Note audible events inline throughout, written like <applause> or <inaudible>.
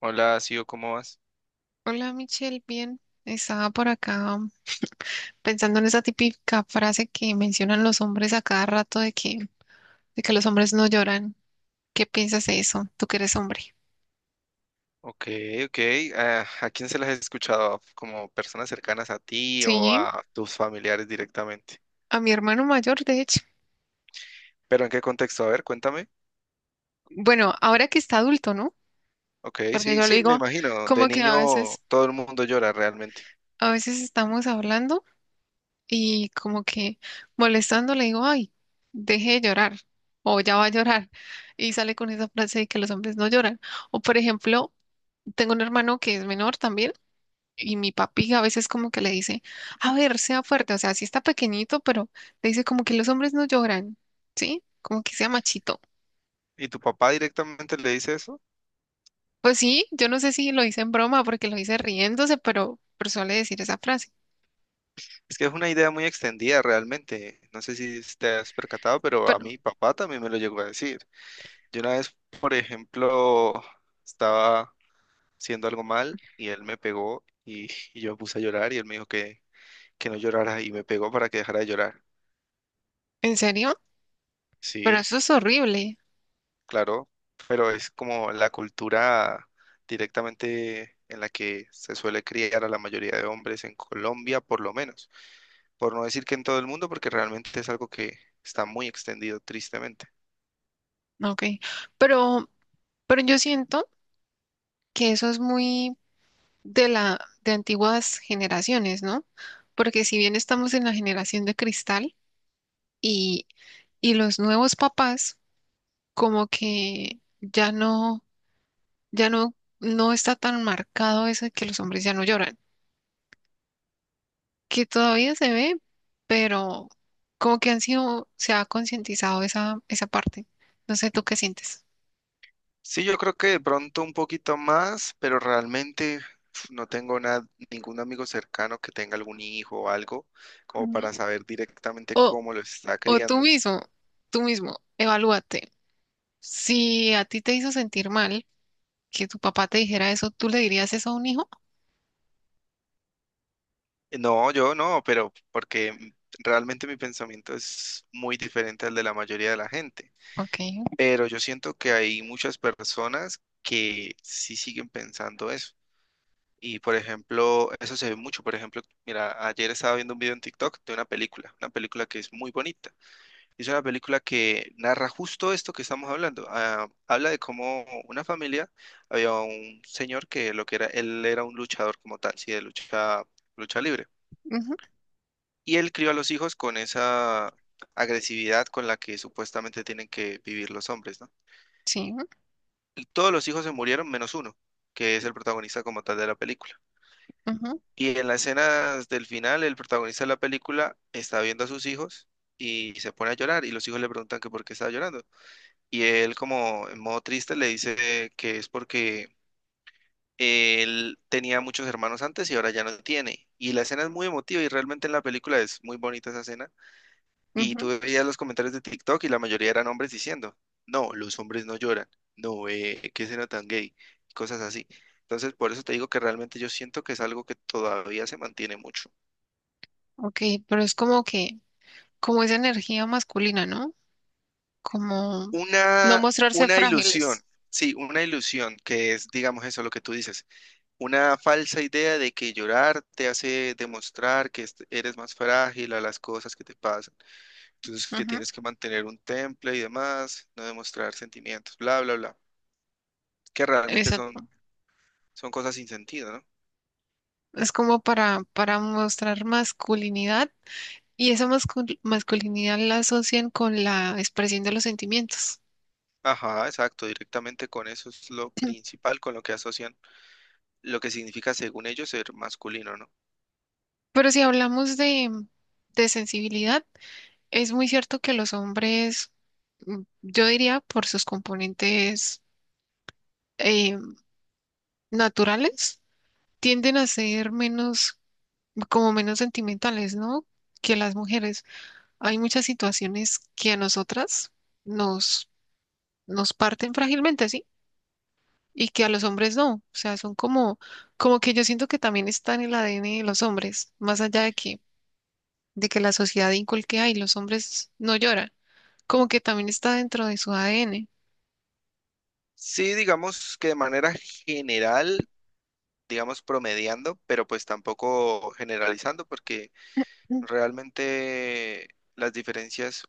Hola, Sio, ¿cómo vas? Hola Michelle, bien. Estaba por acá pensando en esa típica frase que mencionan los hombres a cada rato de que los hombres no lloran. ¿Qué piensas de eso? Tú que eres hombre. Ok, ok. ¿A quién se las has escuchado? ¿Como personas cercanas a ti o Sí, a tus familiares directamente? a mi hermano mayor, de hecho. ¿Pero en qué contexto? A ver, cuéntame. Bueno, ahora que está adulto, ¿no? Ok, Porque sí, yo le sí, me digo imagino. De como que niño todo el mundo llora realmente. a veces estamos hablando y como que molestando le digo, ay, deje de llorar o ya va a llorar. Y sale con esa frase de que los hombres no lloran. O por ejemplo, tengo un hermano que es menor también. Y mi papi a veces como que le dice, a ver, sea fuerte, o sea, sí está pequeñito, pero le dice como que los hombres no lloran, ¿sí? Como que sea machito. ¿Y tu papá directamente le dice eso? Pues sí, yo no sé si lo hice en broma porque lo hice riéndose, pero suele decir esa frase. Es que es una idea muy extendida realmente. No sé si te has percatado, pero a Pero, mi papá también me lo llegó a decir. Yo una vez, por ejemplo, estaba haciendo algo mal y él me pegó y yo me puse a llorar y él me dijo que no llorara y me pegó para que dejara de llorar. ¿en serio? Pero Sí, eso es horrible. claro, pero es como la cultura directamente en la que se suele criar a la mayoría de hombres en Colombia, por lo menos. Por no decir que en todo el mundo, porque realmente es algo que está muy extendido, tristemente. Ok. Pero, pero yo siento que eso es muy de la, de antiguas generaciones, ¿no? Porque si bien estamos en la generación de cristal y, y los nuevos papás como que ya no, no está tan marcado eso de que los hombres ya no lloran, que todavía se ve, pero como que han sido, se ha concientizado esa parte. No sé, ¿tú qué sientes? Sí, yo creo que de pronto un poquito más, pero realmente uf, no tengo nada, ningún amigo cercano que tenga algún hijo o algo como Ujú. para saber directamente O, cómo lo está o criando. Tú mismo, evalúate. Si a ti te hizo sentir mal que tu papá te dijera eso, ¿tú le dirías eso a un hijo? No, yo no, pero porque realmente mi pensamiento es muy diferente al de la mayoría de la gente. Ok, Pero yo siento que hay muchas personas que sí siguen pensando eso. Y por ejemplo, eso se ve mucho. Por ejemplo, mira, ayer estaba viendo un video en TikTok de una película que es muy bonita. Es una película que narra justo esto que estamos hablando. Ah, habla de cómo una familia, había un señor que lo que era, él era un luchador como tal, sí, de lucha, lucha libre. ujú, Y él crió a los hijos con esa agresividad con la que supuestamente tienen que vivir los hombres, ¿no? sí, Y todos los hijos se murieron menos uno, que es el protagonista como tal de la película. ujú, Y en las escenas del final, el protagonista de la película está viendo a sus hijos y se pone a llorar y los hijos le preguntan que por qué estaba llorando. Y él como en modo triste le dice que es porque él tenía muchos hermanos antes y ahora ya no tiene. Y la escena es muy emotiva y realmente en la película es muy bonita esa escena. Y ujú, tú veías los comentarios de TikTok y la mayoría eran hombres diciendo, no, los hombres no lloran, no, qué escena tan gay, y cosas así. Entonces, por eso te digo que realmente yo siento que es algo que todavía se mantiene mucho. ok, pero es como que, como esa energía masculina, ¿no? Como no Una, mostrarse una ilusión, frágiles. sí, una ilusión que es, digamos eso, lo que tú dices, una falsa idea de que llorar te hace demostrar que eres más frágil a las cosas que te pasan. Entonces, que Ujú. tienes que mantener un temple y demás, no demostrar sentimientos, bla, bla, bla, que realmente son. Exacto. Son cosas sin sentido, ¿no? Es como para mostrar masculinidad y esa masculinidad la asocian con la expresión de los sentimientos. Ajá, exacto, directamente con eso es lo principal con lo que asocian lo que significa según ellos ser masculino, ¿no? Pero si hablamos de sensibilidad, es muy cierto que los hombres, yo diría por sus componentes eh, naturales, tienden a ser menos, como menos sentimentales, ¿no? Que las mujeres. Hay muchas situaciones que a nosotras nos, nos parten frágilmente, ¿sí? Y que a los hombres no. O sea, son como, como que yo siento que también está en el ADN de los hombres, más allá de que la sociedad inculque, ay, los hombres no lloran. Como que también está dentro de su ADN. Sí, digamos que de manera general, digamos promediando, pero pues tampoco generalizando porque Mm. realmente las diferencias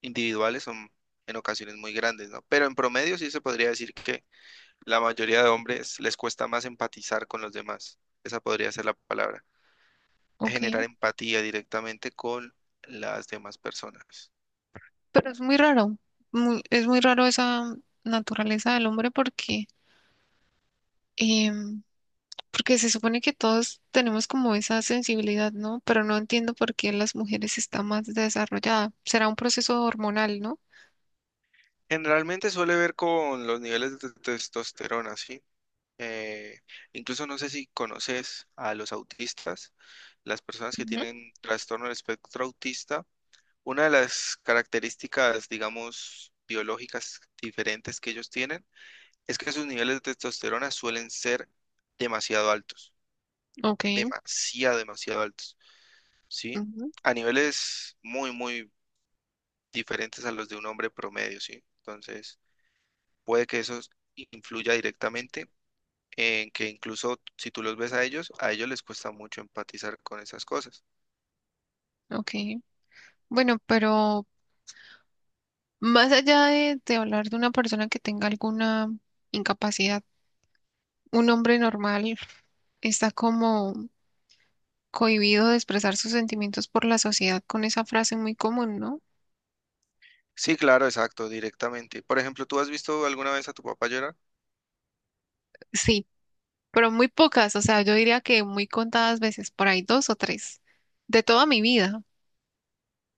individuales son en ocasiones muy grandes, ¿no? Pero en promedio sí se podría decir que la mayoría de hombres les cuesta más empatizar con los demás. Esa podría ser la palabra. Ok, Generar empatía directamente con las demás personas. pero es muy raro. Es muy raro esa naturaleza del hombre porque, em, porque se supone que todos tenemos como esa sensibilidad, ¿no? Pero no entiendo por qué en las mujeres está más desarrollada. Será un proceso hormonal, ¿no? Generalmente suele ver con los niveles de testosterona, ¿sí? Eh, incluso no sé si conoces a los autistas, las personas que Ujú. tienen trastorno del espectro autista. Una de las características, digamos, biológicas diferentes que ellos tienen es que sus niveles de testosterona suelen ser demasiado altos, Ok, demasiado, demasiado altos, ¿sí? ujú, A niveles muy, muy diferentes a los de un hombre promedio, ¿sí? Entonces, puede que eso influya directamente en que incluso si tú los ves a ellos les cuesta mucho empatizar con esas cosas. ok. Bueno, pero más allá de hablar de una persona que tenga alguna incapacidad, un hombre normal está como cohibido de expresar sus sentimientos por la sociedad con esa frase muy común, ¿no? Sí, claro, exacto, directamente. Por ejemplo, ¿tú has visto alguna vez a tu papá llorar? Sí, pero muy pocas, o sea, yo diría que muy contadas veces, por ahí dos o tres, de toda mi vida.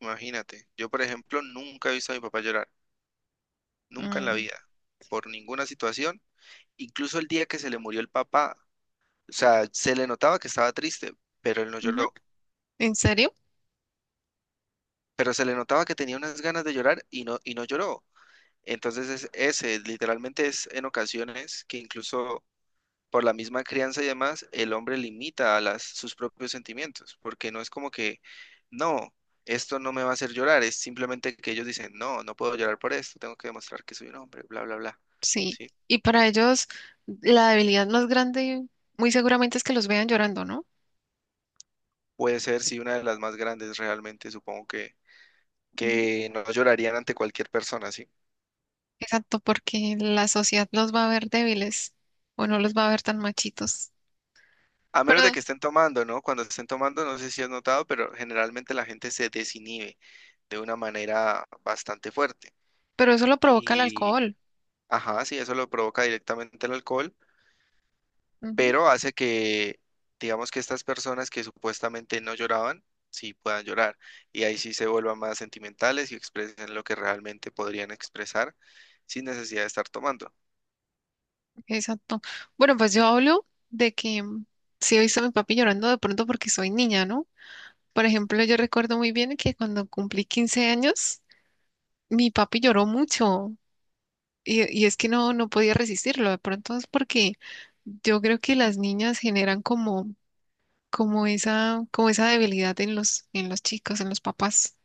Imagínate, yo por ejemplo nunca he visto a mi papá llorar, nunca en la Mm, vida, por ninguna situación. Incluso el día que se le murió el papá, o sea, se le notaba que estaba triste, pero él no ujú. lloró. ¿En serio? Pero se le notaba que tenía unas ganas de llorar y no lloró. Entonces es ese, literalmente es en ocasiones que incluso por la misma crianza y demás, el hombre limita a las, sus propios sentimientos, porque no es como que, no, esto no me va a hacer llorar, es simplemente que ellos dicen, no, no puedo llorar por esto, tengo que demostrar que soy un hombre, bla, bla, bla. Sí. ¿Sí? Y para ellos la debilidad más grande muy seguramente es que los vean llorando, ¿no? Puede ser, sí, una de las más grandes realmente, supongo Ujú. que no llorarían ante cualquier persona, ¿sí? Exacto, porque la sociedad los va a ver débiles o no los va a ver tan machitos. A menos de Pero, que estén tomando, ¿no? Cuando estén tomando, no sé si has notado, pero generalmente la gente se desinhibe de una manera bastante fuerte. pero eso lo provoca el Y, alcohol. ajá, sí, eso lo provoca directamente el alcohol, Ujú. pero hace digamos que estas personas que supuestamente no lloraban, sí puedan llorar. Y ahí sí se vuelvan más sentimentales y expresen lo que realmente podrían expresar sin necesidad de estar tomando. Exacto. Bueno, pues yo hablo de que sí he visto a mi papi llorando de pronto porque soy niña, ¿no? Por ejemplo, yo recuerdo muy bien que cuando cumplí 15 años, mi papi lloró mucho. Y es que no podía resistirlo, de pronto es porque yo creo que las niñas generan como, como esa debilidad en en los chicos, en los papás.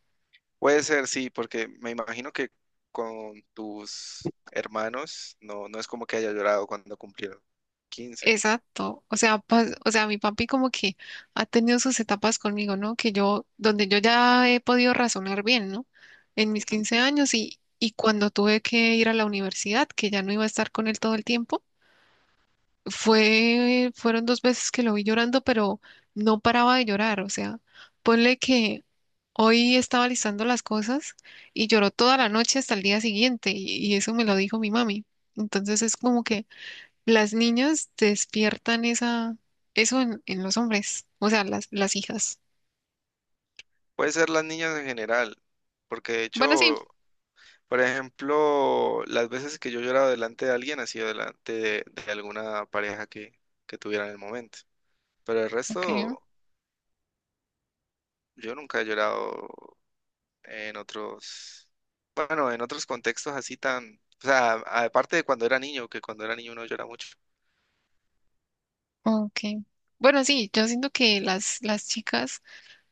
Puede ser, sí, porque me imagino que con tus hermanos no, no es como que haya llorado cuando cumplieron 15. Exacto. O sea, o sea, mi papi como que ha tenido sus etapas conmigo, ¿no? Que yo, donde yo ya he podido razonar bien, ¿no? En mis Ujú. 15 años y cuando tuve que ir a la universidad, que ya no iba a estar con él todo el tiempo. Fueron dos veces que lo vi llorando, pero no paraba de llorar. O sea, ponle que hoy estaba listando las cosas y lloró toda la noche hasta el día siguiente y eso me lo dijo mi mami. Entonces es como que las niñas despiertan eso en los hombres, o sea, las hijas. Puede ser las niñas en general, porque de Bueno, sí, hecho, por ejemplo, las veces que yo he llorado delante de alguien ha sido delante de alguna pareja que tuviera en el momento. Pero el ok, resto, yo nunca he llorado en otros, bueno, en otros contextos así tan, o sea, aparte de cuando era niño, que cuando era niño uno llora mucho. ok. Bueno, sí, yo siento que las chicas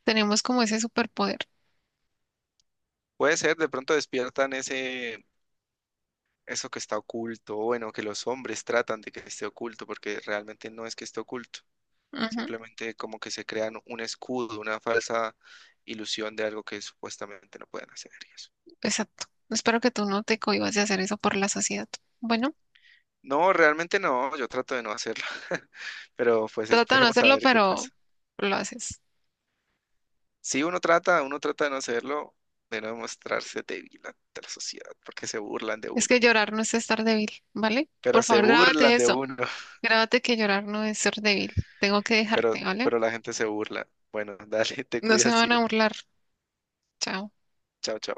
tenemos como ese superpoder. Puede ser, de pronto despiertan ese, eso que está oculto, o bueno, que los hombres tratan de que esté oculto, porque realmente no es que esté oculto, simplemente como que se crean un escudo, una falsa ilusión de algo que supuestamente no pueden hacer y eso. Exacto. Espero que tú no te cohibas de hacer eso por la sociedad. Bueno, No, realmente no, yo trato de no hacerlo, <laughs> pero pues trata de no esperemos a hacerlo, ver qué pero pasa. lo haces. Si uno trata, uno trata de no hacerlo, de no mostrarse débil ante la sociedad, porque se burlan de Es uno, que llorar no es estar débil, ¿vale? pero Por se favor, grábate burlan de eso. uno. Grábate que llorar no es ser débil. Tengo que pero, dejarte, ¿vale? pero la gente se burla. Bueno, dale, <laughs> te No se cuidas, van a tío. burlar. Chao. Chao, chao.